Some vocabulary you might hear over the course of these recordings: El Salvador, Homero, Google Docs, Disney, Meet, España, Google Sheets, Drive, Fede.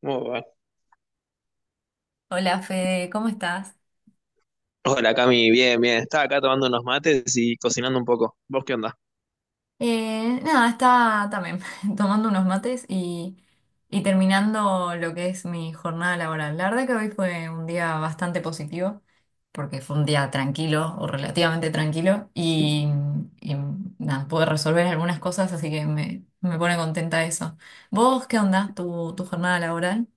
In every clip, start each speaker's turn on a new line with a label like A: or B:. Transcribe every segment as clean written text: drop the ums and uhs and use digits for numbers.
A: Muy bueno.
B: Hola Fede, ¿cómo estás?
A: Hola Cami, bien, bien. Estaba acá tomando unos mates y cocinando un poco. ¿Vos qué onda?
B: Nada, está también tomando unos mates y terminando lo que es mi jornada laboral. La verdad que hoy fue un día bastante positivo, porque fue un día tranquilo o relativamente tranquilo y nada, pude resolver algunas cosas, así que me pone contenta eso. ¿Vos qué onda tu jornada laboral?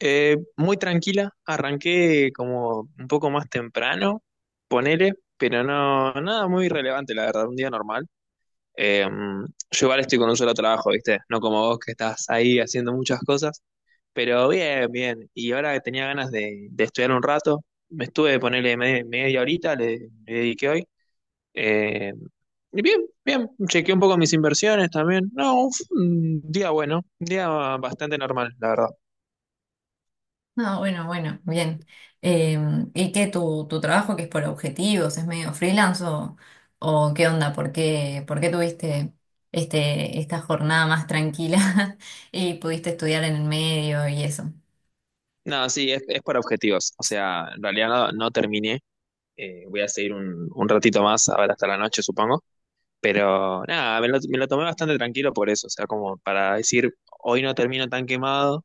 A: Muy tranquila, arranqué como un poco más temprano, ponele, pero no, nada muy relevante, la verdad, un día normal. Eh, yo igual estoy con un solo trabajo, ¿viste? No como vos que estás ahí haciendo muchas cosas, pero bien, bien. Y ahora que tenía ganas de estudiar un rato, me estuve, ponele media horita, le dediqué hoy. Eh, y bien, bien, chequeé un poco mis inversiones también. No, fue un día bueno, un día bastante normal, la verdad.
B: No, bueno, bueno, bien. ¿Y qué tu trabajo que es por objetivos, es medio freelance o qué onda? ¿ por qué tuviste esta jornada más tranquila y pudiste estudiar en el medio y eso?
A: No, sí, es para objetivos. O sea, en realidad no, no terminé. Voy a seguir un ratito más, a ver, hasta la noche, supongo. Pero nada, me lo tomé bastante tranquilo por eso. O sea, como para decir, hoy no termino tan quemado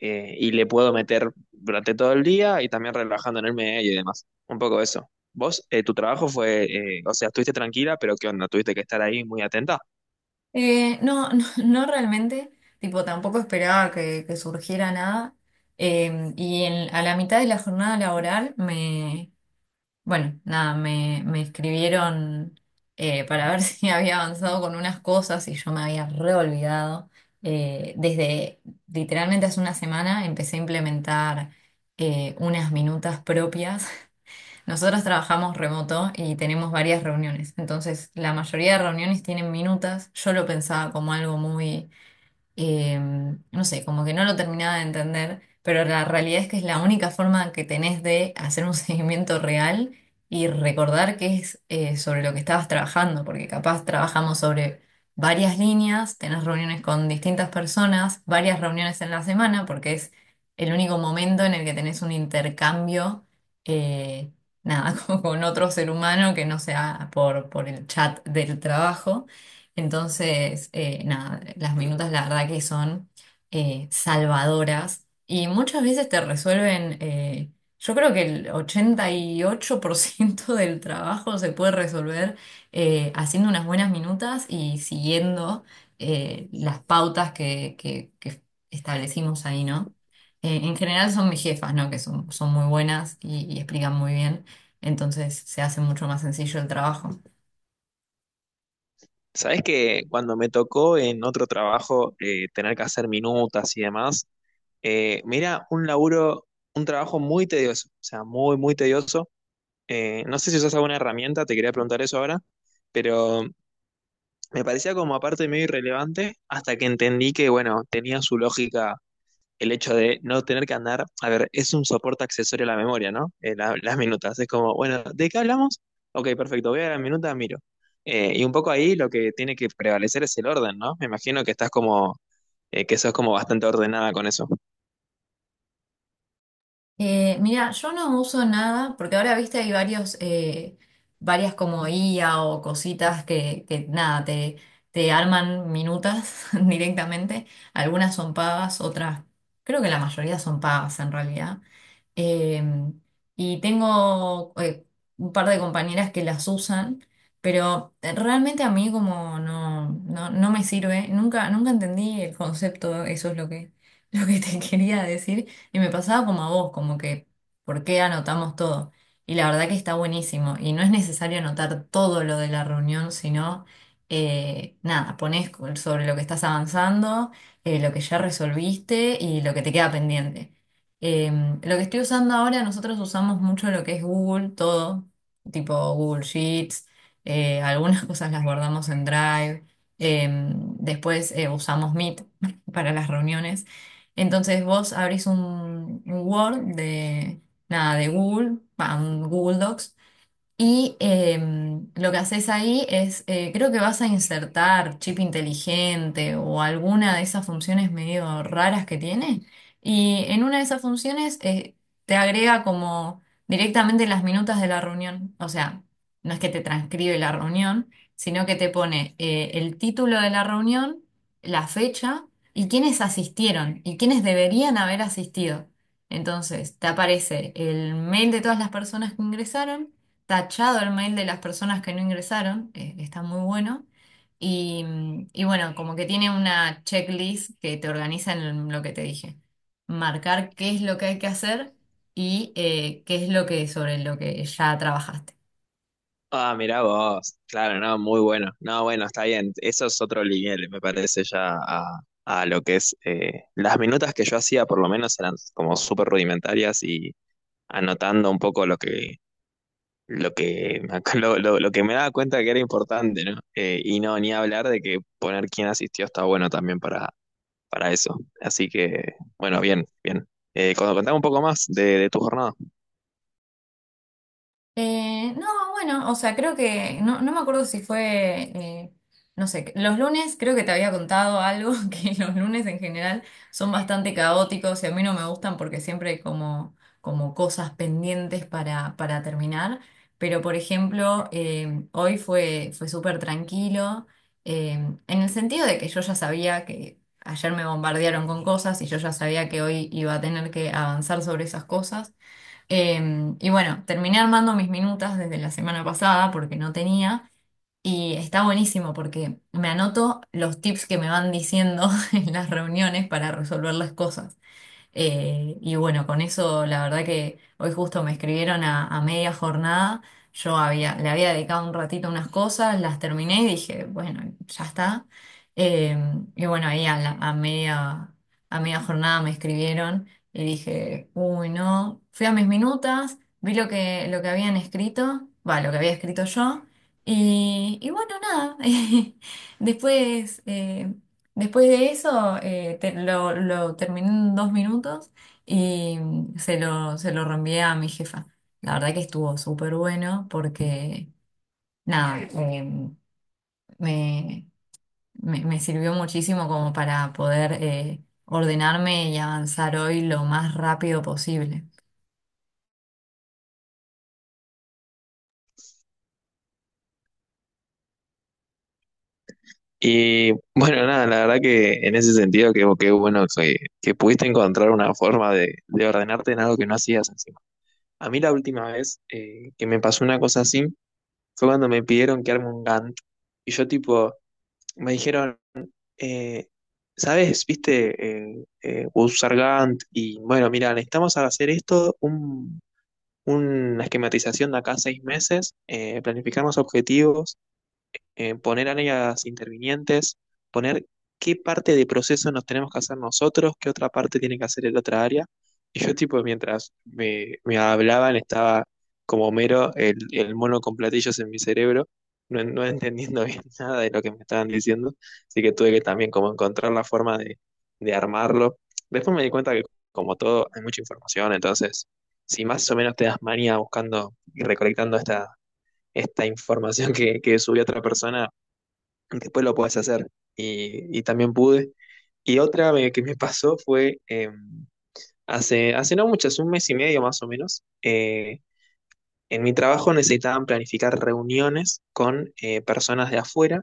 A: y le puedo meter durante todo el día y también relajando en el medio y demás. Un poco eso. Vos, tu trabajo fue, o sea, estuviste tranquila, pero ¿qué onda? Tuviste que estar ahí muy atenta.
B: No, no, no realmente, tipo, tampoco esperaba que surgiera nada. A la mitad de la jornada laboral bueno, nada, me escribieron para ver si había avanzado con unas cosas y yo me había reolvidado. Desde literalmente hace una semana empecé a implementar unas minutas propias. Nosotros trabajamos remoto y tenemos varias reuniones, entonces la mayoría de reuniones tienen minutas. Yo lo pensaba como algo muy eh, no sé, como que no lo terminaba de entender, pero la realidad es que es la única forma que tenés de hacer un seguimiento real y recordar que es sobre lo que estabas trabajando, porque capaz trabajamos sobre varias líneas, tenés reuniones con distintas personas, varias reuniones en la semana, porque es el único momento en el que tenés un intercambio, eh, nada, con otro ser humano que no sea por el chat del trabajo. Entonces, nada, las minutas la verdad que son salvadoras y muchas veces te resuelven, yo creo que el 88% del trabajo se puede resolver haciendo unas buenas minutas y siguiendo las pautas que establecimos ahí, ¿no? En general son mis jefas, ¿no? Que son muy buenas y explican muy bien, entonces se hace mucho más sencillo el trabajo.
A: ¿Sabés que cuando me tocó en otro trabajo tener que hacer minutas y demás, mira, un trabajo muy tedioso? O sea, muy, muy tedioso. No sé si usas alguna herramienta, te quería preguntar eso ahora, pero me parecía como aparte medio irrelevante hasta que entendí que, bueno, tenía su lógica el hecho de no tener que andar, a ver, es un soporte accesorio a la memoria, ¿no? Las minutas, es como, bueno, ¿de qué hablamos? Ok, perfecto, voy a la minuta, miro. Y un poco ahí lo que tiene que prevalecer es el orden, ¿no? Me imagino que estás como, que sos como bastante ordenada con eso.
B: Mira, yo no uso nada, porque ahora viste hay varios, varias como IA o cositas que nada, te arman minutas directamente. Algunas son pagas, otras, creo que la mayoría son pagas en realidad. Eh, y tengo un par de compañeras que las usan, pero realmente a mí como no, no, no me sirve. Nunca, nunca entendí el concepto, eso es lo que, lo que te quería decir. Y me pasaba como a vos, como que, ¿por qué anotamos todo? Y la verdad que está buenísimo. Y no es necesario anotar todo lo de la reunión, sino, nada, ponés sobre lo que estás avanzando, lo que ya resolviste y lo que te queda pendiente. Lo que estoy usando ahora, nosotros usamos mucho lo que es Google, todo, tipo Google Sheets, algunas cosas las guardamos en Drive, después usamos Meet para las reuniones. Entonces vos abrís un Word de, nada, de Google, va, un Google Docs y lo que haces ahí es, creo que vas a insertar chip inteligente o alguna de esas funciones medio raras que tiene. Y en una de esas funciones te agrega como directamente las minutas de la reunión. O sea, no es que te transcribe la reunión, sino que te pone el título de la reunión, la fecha y quiénes asistieron y quiénes deberían haber asistido. Entonces, te aparece el mail de todas las personas que ingresaron tachado el mail de las personas que no ingresaron, que está muy bueno. Y, mm, y bueno, como que tiene una checklist que te organiza en lo que te dije. Marcar qué es lo que hay que hacer y qué es lo que sobre lo que ya trabajaste.
A: Ah, mirá vos, claro, no, muy bueno. No, bueno, está bien, eso es otro nivel, me parece ya a lo que es, las minutas que yo hacía por lo menos eran como súper rudimentarias y anotando un poco lo que, lo que me daba cuenta que era importante, ¿no? Y no, ni hablar de que poner quién asistió está bueno también para eso. Así que, bueno, bien, bien. Contame un poco más de tu jornada.
B: No, bueno, o sea, creo que, no, no me acuerdo si fue, no sé, los lunes creo que te había contado algo, que los lunes en general son bastante caóticos y a mí no me gustan porque siempre hay como, como cosas pendientes para terminar, pero por ejemplo, hoy fue súper tranquilo, eh, en el sentido de que yo ya sabía que ayer me bombardearon con cosas y yo ya sabía que hoy iba a tener que avanzar sobre esas cosas. Y bueno, terminé armando mis minutas desde la semana pasada porque no tenía. Y está buenísimo porque me anoto los tips que me van diciendo en las reuniones para resolver las cosas. Y bueno, con eso la verdad que hoy justo me escribieron a media jornada, yo le había dedicado un ratito a unas cosas, las terminé y dije, bueno, ya está. Eh, y bueno, ahí a, la- a media jornada me escribieron y dije, uy, no, fui a mis minutas, vi lo lo que habían escrito, va, lo que había escrito yo, y bueno, nada, después... después de eso, lo terminé en 2 minutos y mm, se lo reenvié a mi jefa. La verdad que estuvo súper bueno porque, nada, me, me sirvió muchísimo como para poder ordenarme y avanzar hoy lo más rápido posible.
A: Y bueno, nada, la verdad que en ese sentido, que bueno que pudiste encontrar una forma de ordenarte en algo que no hacías encima. A mí la última vez que me pasó una cosa así fue cuando me pidieron que arme un Gantt. Y yo tipo, me dijeron... eh, ¿sabes? Viste, Gus Sargant y bueno, mira, necesitamos hacer esto, una esquematización de acá a seis meses, planificar los objetivos poner a las intervinientes, poner qué parte de proceso nos tenemos que hacer nosotros, qué otra parte tiene que hacer el otra área. Y yo, tipo, mientras me hablaban, estaba como mero el mono con platillos en mi cerebro, no, no entendiendo bien nada de lo que me estaban diciendo. Así que tuve que también como encontrar la forma de armarlo. Después me di cuenta que, como todo, hay mucha información, entonces, si más o menos te das manía buscando y recolectando esta información que subió otra persona, después lo puedes hacer. Y también pude. Y otra que me pasó fue hace no muchas, un mes y medio más o menos, en mi trabajo necesitaban planificar reuniones con personas de afuera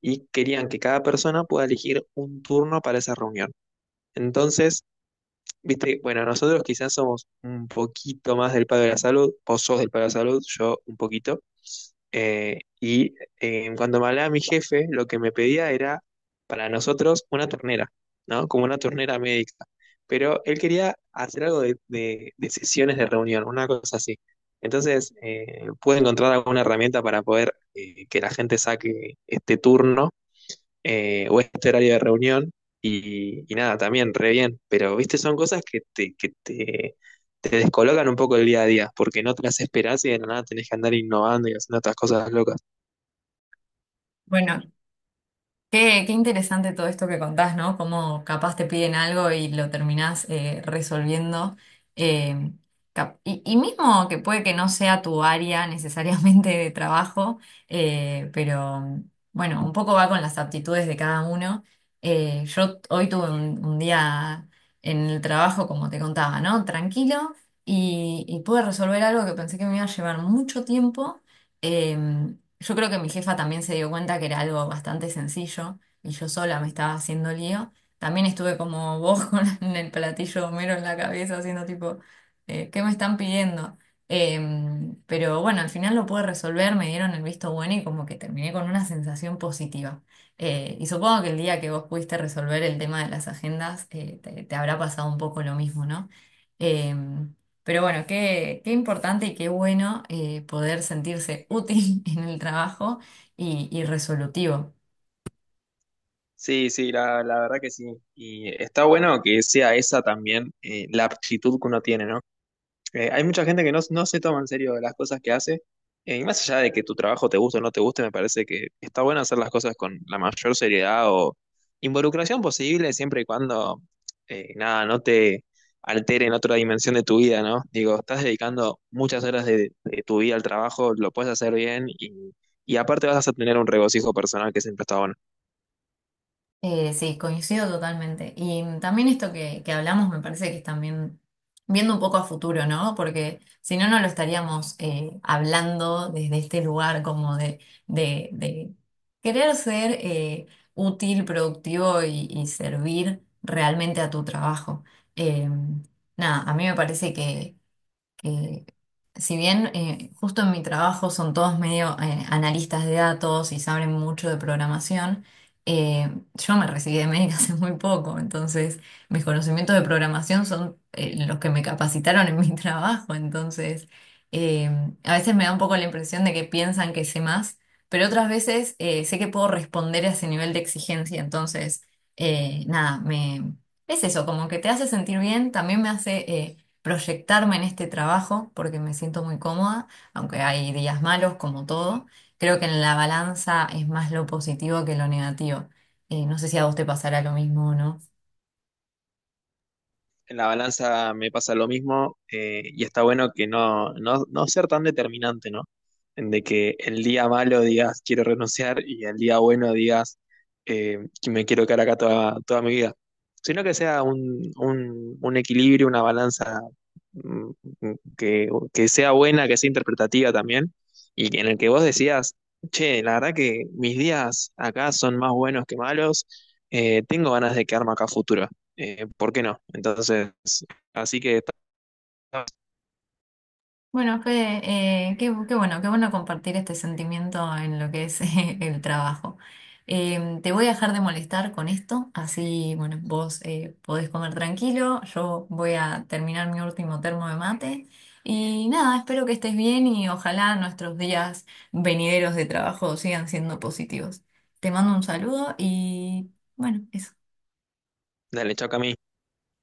A: y querían que cada persona pueda elegir un turno para esa reunión. Entonces, viste, bueno, nosotros quizás somos un poquito más del palo de la salud, vos sos del palo de la salud, yo un poquito. Eh, y Cuando me hablaba mi jefe, lo que me pedía era para nosotros una ternera, ¿no? Como una ternera médica. Pero él quería hacer algo de sesiones de reunión, una cosa así. Entonces, pude encontrar alguna herramienta para poder que la gente saque este turno o este horario de reunión. Y nada, también, re bien. Pero, viste, son cosas que te descolocan un poco el día a día, porque no te las esperás y de la nada tenés que andar innovando y haciendo otras cosas locas.
B: Bueno, qué, qué interesante todo esto que contás, ¿no? Cómo capaz te piden algo y lo terminás resolviendo. Eh, y mismo que puede que no sea tu área necesariamente de trabajo, pero bueno, un poco va con las aptitudes de cada uno. Yo hoy tuve un día en el trabajo, como te contaba, ¿no? Tranquilo y pude resolver algo que pensé que me iba a llevar mucho tiempo. Em, yo creo que mi jefa también se dio cuenta que era algo bastante sencillo y yo sola me estaba haciendo lío. También estuve como vos con el platillo de Homero en la cabeza haciendo tipo, ¿qué me están pidiendo? Pero bueno, al final lo pude resolver, me dieron el visto bueno y como que terminé con una sensación positiva. Y supongo que el día que vos pudiste resolver el tema de las agendas, te habrá pasado un poco lo mismo, ¿no? Em, pero bueno, qué, qué importante y qué bueno poder sentirse útil en el trabajo y resolutivo.
A: Sí, sí, la verdad que sí. Y está bueno que sea esa también la aptitud que uno tiene, ¿no? Hay mucha gente que no, no se toma en serio las cosas que hace. Y más allá de que tu trabajo te guste o no te guste, me parece que está bueno hacer las cosas con la mayor seriedad o involucración posible, siempre y cuando, nada, no te altere en otra dimensión de tu vida, ¿no? Digo, estás dedicando muchas horas de tu vida al trabajo, lo puedes hacer bien y aparte vas a tener un regocijo personal que siempre está bueno.
B: Sí, coincido totalmente. Y también esto que hablamos me parece que es también viendo un poco a futuro, ¿no? Porque si no, no lo estaríamos hablando desde este lugar como de, de querer ser útil, productivo y servir realmente a tu trabajo. Em, nada, a mí me parece que si bien justo en mi trabajo son todos medio analistas de datos y saben mucho de programación, eh, yo me recibí de médica hace muy poco, entonces mis conocimientos de programación son los que me capacitaron en mi trabajo, entonces eh, a veces me da un poco la impresión de que piensan que sé más, pero otras veces sé que puedo responder a ese nivel de exigencia, entonces nada, me... Es eso, como que te hace sentir bien, también me hace... proyectarme en este trabajo porque me siento muy cómoda, aunque hay días malos como todo. Creo que en la balanza es más lo positivo que lo negativo. No sé si a vos te pasará lo mismo o no.
A: En la balanza me pasa lo mismo y está bueno que no, no, no ser tan determinante, ¿no? En de que el día malo digas quiero renunciar y el día bueno digas que me quiero quedar acá toda, toda mi vida, sino que sea un equilibrio, una balanza mm, que sea buena, que sea interpretativa también y que- en el que vos decías, che, la verdad que mis días acá son más buenos que malos, tengo ganas de quedarme acá a futuro ¿por qué no? Entonces, así que está-
B: Bueno, Fede, qué, qué bueno compartir este sentimiento en lo que es el trabajo. Te voy a dejar de molestar con esto, así, bueno, vos podés comer tranquilo, yo voy a terminar mi último termo de mate y nada, espero que estés bien y ojalá nuestros días venideros de trabajo sigan siendo positivos. Te mando un saludo y bueno, eso.
A: dale, chao Cami.